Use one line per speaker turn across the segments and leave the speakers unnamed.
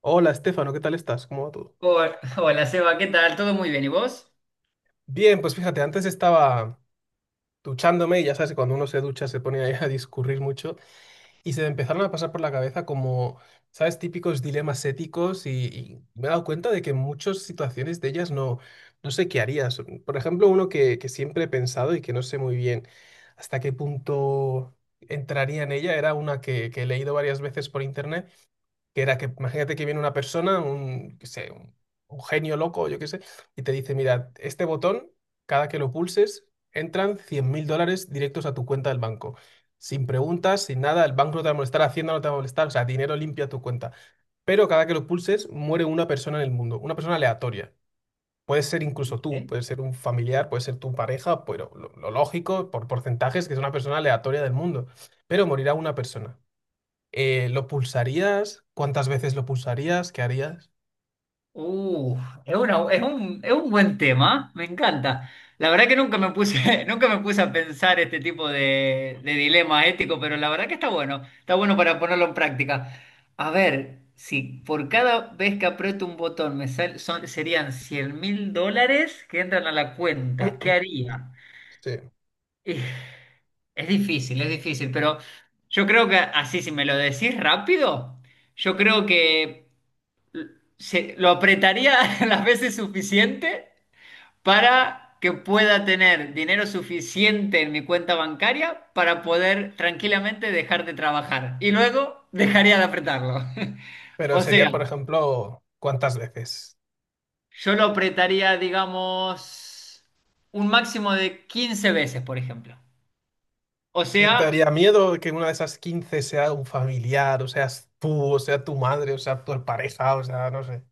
Hola, Estefano, ¿qué tal estás? ¿Cómo va todo?
Hola, hola, Seba, ¿qué tal? ¿Todo muy bien? ¿Y vos?
Bien, pues fíjate, antes estaba duchándome y ya sabes que cuando uno se ducha se pone ahí a discurrir mucho y se me empezaron a pasar por la cabeza como, ¿sabes? Típicos dilemas éticos y me he dado cuenta de que en muchas situaciones de ellas no sé qué harías. Por ejemplo, uno que siempre he pensado y que no sé muy bien hasta qué punto entraría en ella, era una que he leído varias veces por internet, que era que imagínate que viene una persona, qué sé, un genio loco, yo qué sé, y te dice, mira, este botón, cada que lo pulses, entran $100.000 directos a tu cuenta del banco. Sin preguntas, sin nada, el banco no te va a molestar, Hacienda no te va a molestar, o sea, dinero limpio a tu cuenta. Pero cada que lo pulses, muere una persona en el mundo, una persona aleatoria. Puede ser incluso tú,
¿Eh?
puede ser un familiar, puede ser tu pareja, pero lo lógico, por porcentajes, que es una persona aleatoria del mundo. Pero morirá una persona. ¿Lo pulsarías? ¿Cuántas veces lo pulsarías? ¿Qué harías?
Uh, es un buen tema, me encanta. La verdad que nunca me puse, nunca me puse a pensar este tipo de dilema ético, pero la verdad que está bueno para ponerlo en práctica. A ver, si por cada vez que aprieto un botón serían $100.000 que entran a la cuenta, ¿qué haría?
Sí.
Y es difícil, es difícil, pero yo creo que así, si me lo decís rápido, yo creo que lo apretaría las veces suficiente para que pueda tener dinero suficiente en mi cuenta bancaria para poder tranquilamente dejar de trabajar. Y luego dejaría de apretarlo.
Pero
O sea,
serían, por ejemplo, ¿cuántas veces?
yo lo apretaría, digamos, un máximo de 15 veces, por ejemplo. O
Y te
sea,
daría miedo que una de esas 15 sea un familiar, o seas tú, o sea tu madre, o sea tu pareja, o sea, no sé.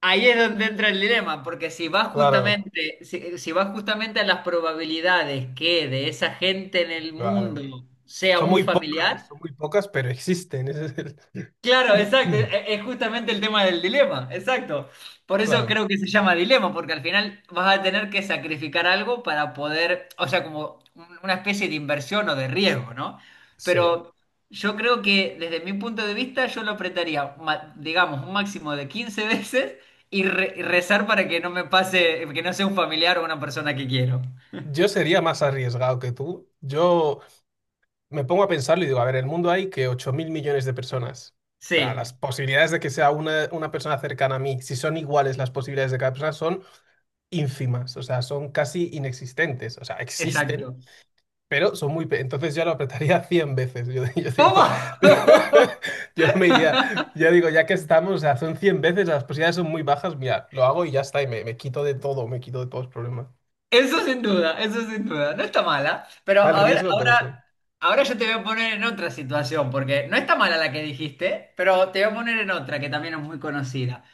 ahí es donde entra el dilema, porque si vas
Claro,
justamente, si, si vas justamente a las probabilidades que de esa gente en el
claro.
mundo sea un familiar.
Son muy pocas, pero existen.
Claro, exacto, es justamente el tema del dilema, exacto. Por eso
Claro,
creo que se llama dilema, porque al final vas a tener que sacrificar algo para poder, o sea, como una especie de inversión o de riesgo, ¿no?
sí.
Pero yo creo que desde mi punto de vista yo lo apretaría, digamos, un máximo de 15 veces y, y rezar para que no me pase, que no sea un familiar o una persona que quiero.
Yo sería más arriesgado que tú. Yo me pongo a pensarlo y digo, a ver, en el mundo hay que 8.000.000.000 de personas. O sea, las
Sí,
posibilidades de que sea una persona cercana a mí, si son iguales las posibilidades de cada persona, son ínfimas, o sea, son casi inexistentes, o sea, existen,
exacto.
pero son muy. Entonces yo lo apretaría 100 veces, yo
¿Cómo?
digo, yo me iría, yo digo, ya que estamos, o sea, son 100 veces, las posibilidades son muy bajas, mira, lo hago y ya está, y me quito de todo, me quito de todos los problemas.
Eso sin duda, eso sin duda. No está mala, pero
Está el
a ver,
riesgo, pero sí.
ahora, yo te voy a poner en otra situación, porque no está mala la que dijiste, pero te voy a poner en otra que también es muy conocida.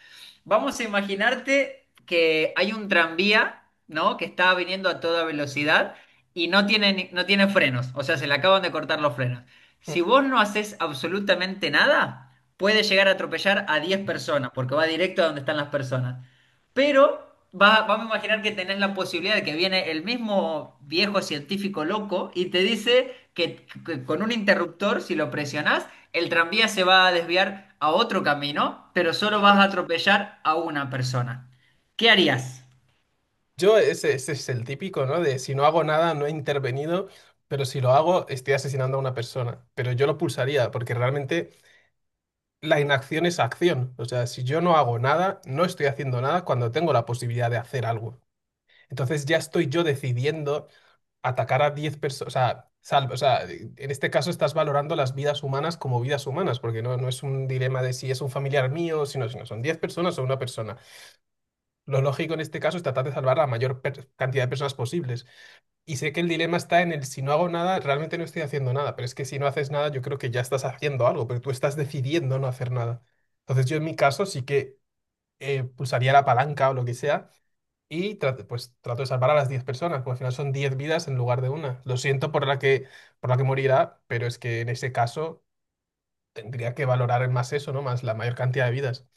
Vamos a imaginarte que hay un tranvía, ¿no? Que está viniendo a toda velocidad y no tiene frenos, o sea, se le acaban de cortar los frenos. Si vos no haces absolutamente nada, puede llegar a atropellar a 10 personas, porque va directo a donde están las personas. Pero vamos a imaginar que tenés la posibilidad de que viene el mismo viejo científico loco y te dice que con un interruptor, si lo presionás, el tranvía se va a desviar a otro camino, pero solo vas a atropellar a una persona. ¿Qué harías?
Ese es el típico, ¿no? De si no hago nada, no he intervenido, pero si lo hago, estoy asesinando a una persona. Pero yo lo pulsaría, porque realmente la inacción es acción. O sea, si yo no hago nada, no estoy haciendo nada cuando tengo la posibilidad de hacer algo. Entonces ya estoy yo decidiendo atacar a 10 personas. O sea, salvo, o sea, en este caso estás valorando las vidas humanas como vidas humanas, porque no, no es un dilema de si es un familiar mío, sino son 10 personas o una persona. Lo lógico en este caso es tratar de salvar a la mayor cantidad de personas posibles. Y sé que el dilema está en el si no hago nada, realmente no estoy haciendo nada, pero es que si no haces nada, yo creo que ya estás haciendo algo, pero tú estás decidiendo no hacer nada. Entonces yo en mi caso sí que pulsaría la palanca o lo que sea y trato, pues trato de salvar a las 10 personas, porque al final son 10 vidas en lugar de una. Lo siento por la que morirá, pero es que en ese caso tendría que valorar más eso, ¿no? Más la mayor cantidad de vidas.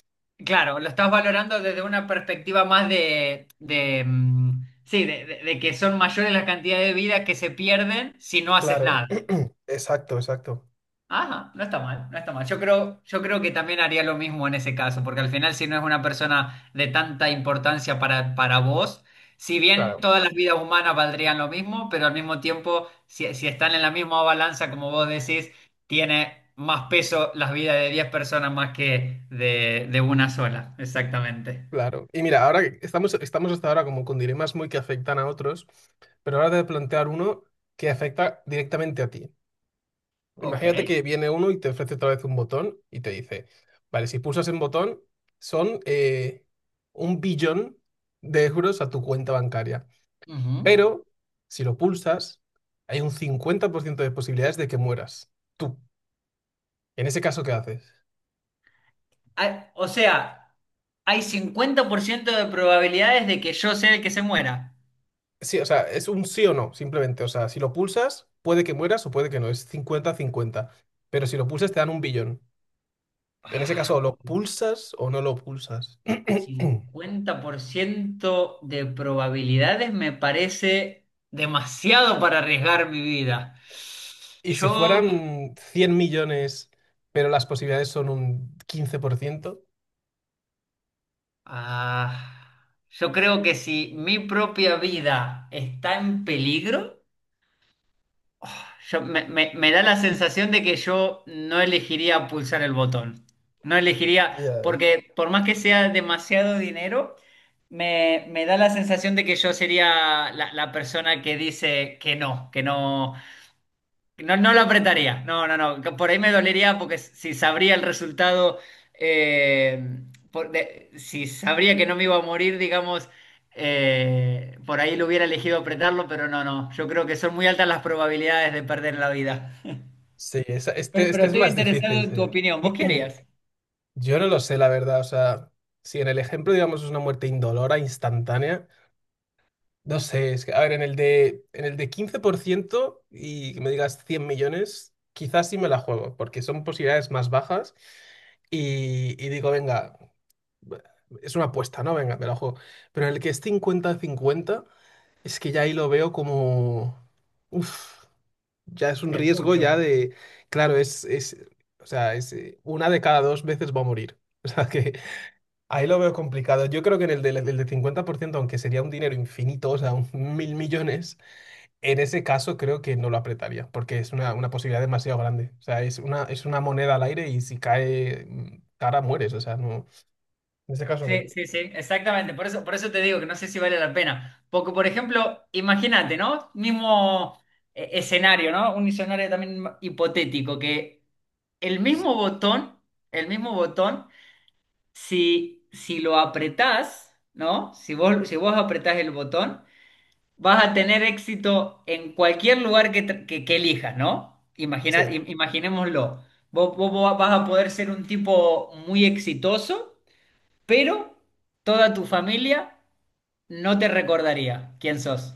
Claro, lo estás valorando desde una perspectiva más de, mm, sí, de que son mayores las cantidades de vidas que se pierden si no haces
Claro,
nada.
exacto, exacto.
Ajá, no está mal, no está mal. Yo creo que también haría lo mismo en ese caso, porque al final si no es una persona de tanta importancia para vos, si bien
Claro.
todas las vidas humanas valdrían lo mismo, pero al mismo tiempo, si, si están en la misma balanza, como vos decís, tiene más peso las vidas de 10 personas más que de una sola, exactamente.
Claro. Y mira, ahora que estamos hasta ahora como con dilemas muy que afectan a otros, pero ahora te voy a plantear uno que afecta directamente a ti.
Ok.
Imagínate que viene uno y te ofrece otra vez un botón y te dice, vale, si pulsas en botón, son un billón de euros a tu cuenta bancaria.
Ujú.
Pero si lo pulsas, hay un 50% de posibilidades de que mueras. Tú. En ese caso, ¿qué haces?
Ah, o sea, hay 50% de probabilidades de que yo sea el que se muera.
Sí, o sea, es un sí o no, simplemente. O sea, si lo pulsas, puede que mueras o puede que no, es cincuenta-cincuenta. Pero si lo pulsas, te dan un billón. En ese
Ah.
caso, o lo pulsas o no lo pulsas.
50% de probabilidades me parece demasiado para arriesgar mi vida.
Y si
Yo,
fueran 100.000.000, pero las posibilidades son un 15%.
ah, yo creo que si mi propia vida está en peligro, me da la sensación de que yo no elegiría pulsar el botón. No elegiría,
Ya.
porque por más que sea demasiado dinero, me da la sensación de que yo sería la, la persona que dice que no, que no. No, no lo apretaría. No, no, no. Por ahí me dolería porque si sabría el resultado, eh, si sabría que no me iba a morir, digamos, por ahí lo hubiera elegido apretarlo, pero no, no. Yo creo que son muy altas las probabilidades de perder la vida.
Sí, este,
Pero
este es
estoy
más
interesado
difícil,
en tu opinión. ¿Vos
sí.
qué harías?
Yo no lo sé, la verdad. O sea, si en el ejemplo, digamos, es una muerte indolora, instantánea. No sé, es que, a ver, en el de 15% y que me digas 100.000.000, quizás sí me la juego, porque son posibilidades más bajas y digo, venga, es una apuesta, ¿no? Venga, me la juego. Pero en el que es cincuenta-cincuenta es que ya ahí lo veo como. Uf, ya es un
Es
riesgo ya
mucho.
de. Claro, es, o sea, es, una de cada dos veces va a morir. O sea, que ahí lo veo complicado. Yo creo que en el del 50%, aunque sería un dinero infinito, o sea, un 1.000.000.000, en ese caso creo que no lo apretaría, porque es una posibilidad demasiado grande. O sea, es una moneda al aire y si cae cara, mueres. O sea, no. En ese caso no.
Sí, sí, sí, exactamente. Por eso te digo que no sé si vale la pena. Porque, por ejemplo, imagínate, ¿no? Mismo escenario, ¿no? Un escenario también hipotético, que el mismo botón, el mismo botón, si lo apretás, ¿no? Si vos apretás el botón, vas a tener éxito en cualquier lugar que elijas, ¿no?
Sí.
Imaginémoslo. Vos vas a poder ser un tipo muy exitoso, pero toda tu familia no te recordaría quién sos.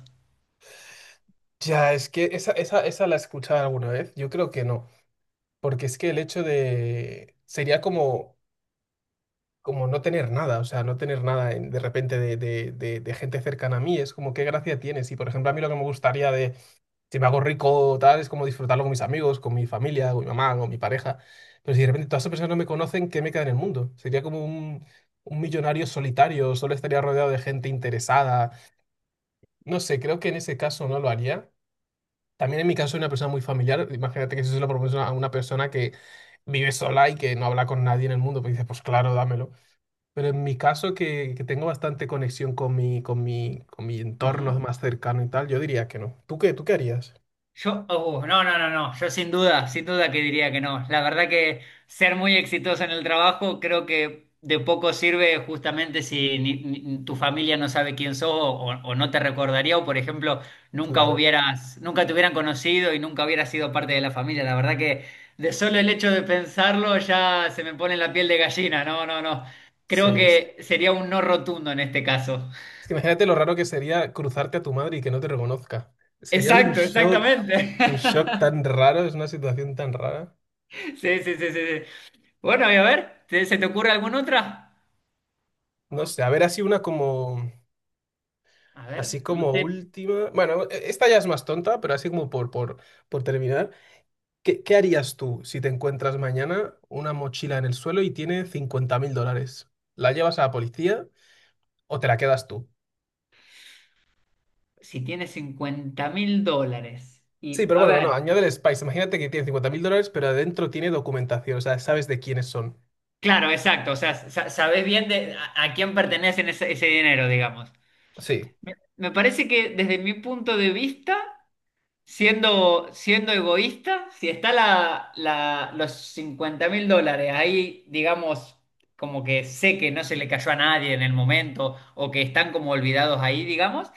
Ya, es que esa la he escuchado alguna vez. Yo creo que no. Porque es que el hecho de. Sería como, como no tener nada, o sea, no tener nada de repente de gente cercana a mí. Es como, ¿qué gracia tienes? Y, por ejemplo, a mí lo que me gustaría, si me hago rico, tal, es como disfrutarlo con mis amigos, con mi familia, con mi mamá, con mi pareja. Pero si de repente todas esas personas no me conocen, ¿qué me queda en el mundo? Sería como un millonario solitario, solo estaría rodeado de gente interesada. No sé, creo que en ese caso no lo haría. También en mi caso soy una persona muy familiar. Imagínate que si se lo propones a una persona que vive sola y que no habla con nadie en el mundo, pues dices, pues claro, dámelo. Pero en mi caso, que tengo bastante conexión con mi entorno más cercano y tal, yo diría que no. ¿Tú qué? ¿Tú qué harías?
Yo, no, no, no, no, yo sin duda, sin duda que diría que no. La verdad que ser muy exitoso en el trabajo creo que de poco sirve justamente si tu familia no sabe quién sos o no te recordaría o, por ejemplo,
Claro.
nunca te hubieran conocido y nunca hubieras sido parte de la familia. La verdad que de solo el hecho de pensarlo ya se me pone la piel de gallina. No, no, no. Creo
Sí, sí.
que sería un no rotundo en este caso.
Es que imagínate lo raro que sería cruzarte a tu madre y que no te reconozca. Sería
Exacto, exactamente.
un shock tan raro, es una situación tan rara.
Sí, sí, sí, sí. Sí. Bueno, y a ver, ¿se te ocurre alguna otra?
No sé, a ver, así una como,
A ver,
así
no
como
sé,
última. Bueno, esta ya es más tonta, pero así como por terminar. ¿Qué harías tú si te encuentras mañana una mochila en el suelo y tiene $50.000? ¿La llevas a la policía o te la quedas tú?
si tienes $50.000.
Sí,
Y,
pero
a
bueno, no,
ver,
añade el Spice. Imagínate que tiene $50.000, pero adentro tiene documentación, o sea, sabes de quiénes son.
claro, exacto, o sea, sabés bien a quién pertenece ese, ese dinero, digamos.
Sí.
Me parece que desde mi punto de vista siendo, siendo egoísta, si está los $50.000 ahí, digamos, como que sé que no se le cayó a nadie en el momento o que están como olvidados ahí, digamos,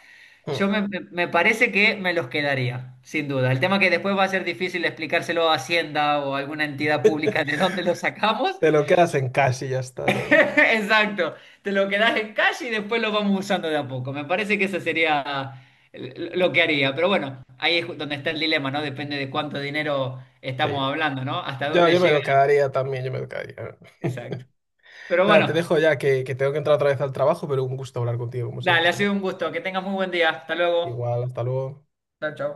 Hmm.
yo me parece que me los quedaría, sin duda. El tema que después va a ser difícil explicárselo a Hacienda o a alguna entidad pública de dónde los sacamos.
Te lo quedas en casa y ya está, ¿no?
Exacto, te lo quedas en calle y después lo vamos usando de a poco. Me parece que eso sería lo que haría. Pero bueno, ahí es donde está el dilema, ¿no? Depende de cuánto dinero
Sí.
estamos hablando, ¿no? Hasta
Yo,
dónde
yo me
llega.
lo quedaría también, yo me lo quedaría.
Exacto. Pero
Nada, te
bueno,
dejo ya que tengo que entrar otra vez al trabajo, pero un gusto hablar contigo, como siempre,
dale, ha
Esteban.
sido un gusto. Que tengas muy buen día. Hasta luego.
Igual, hasta luego.
Chao, chao.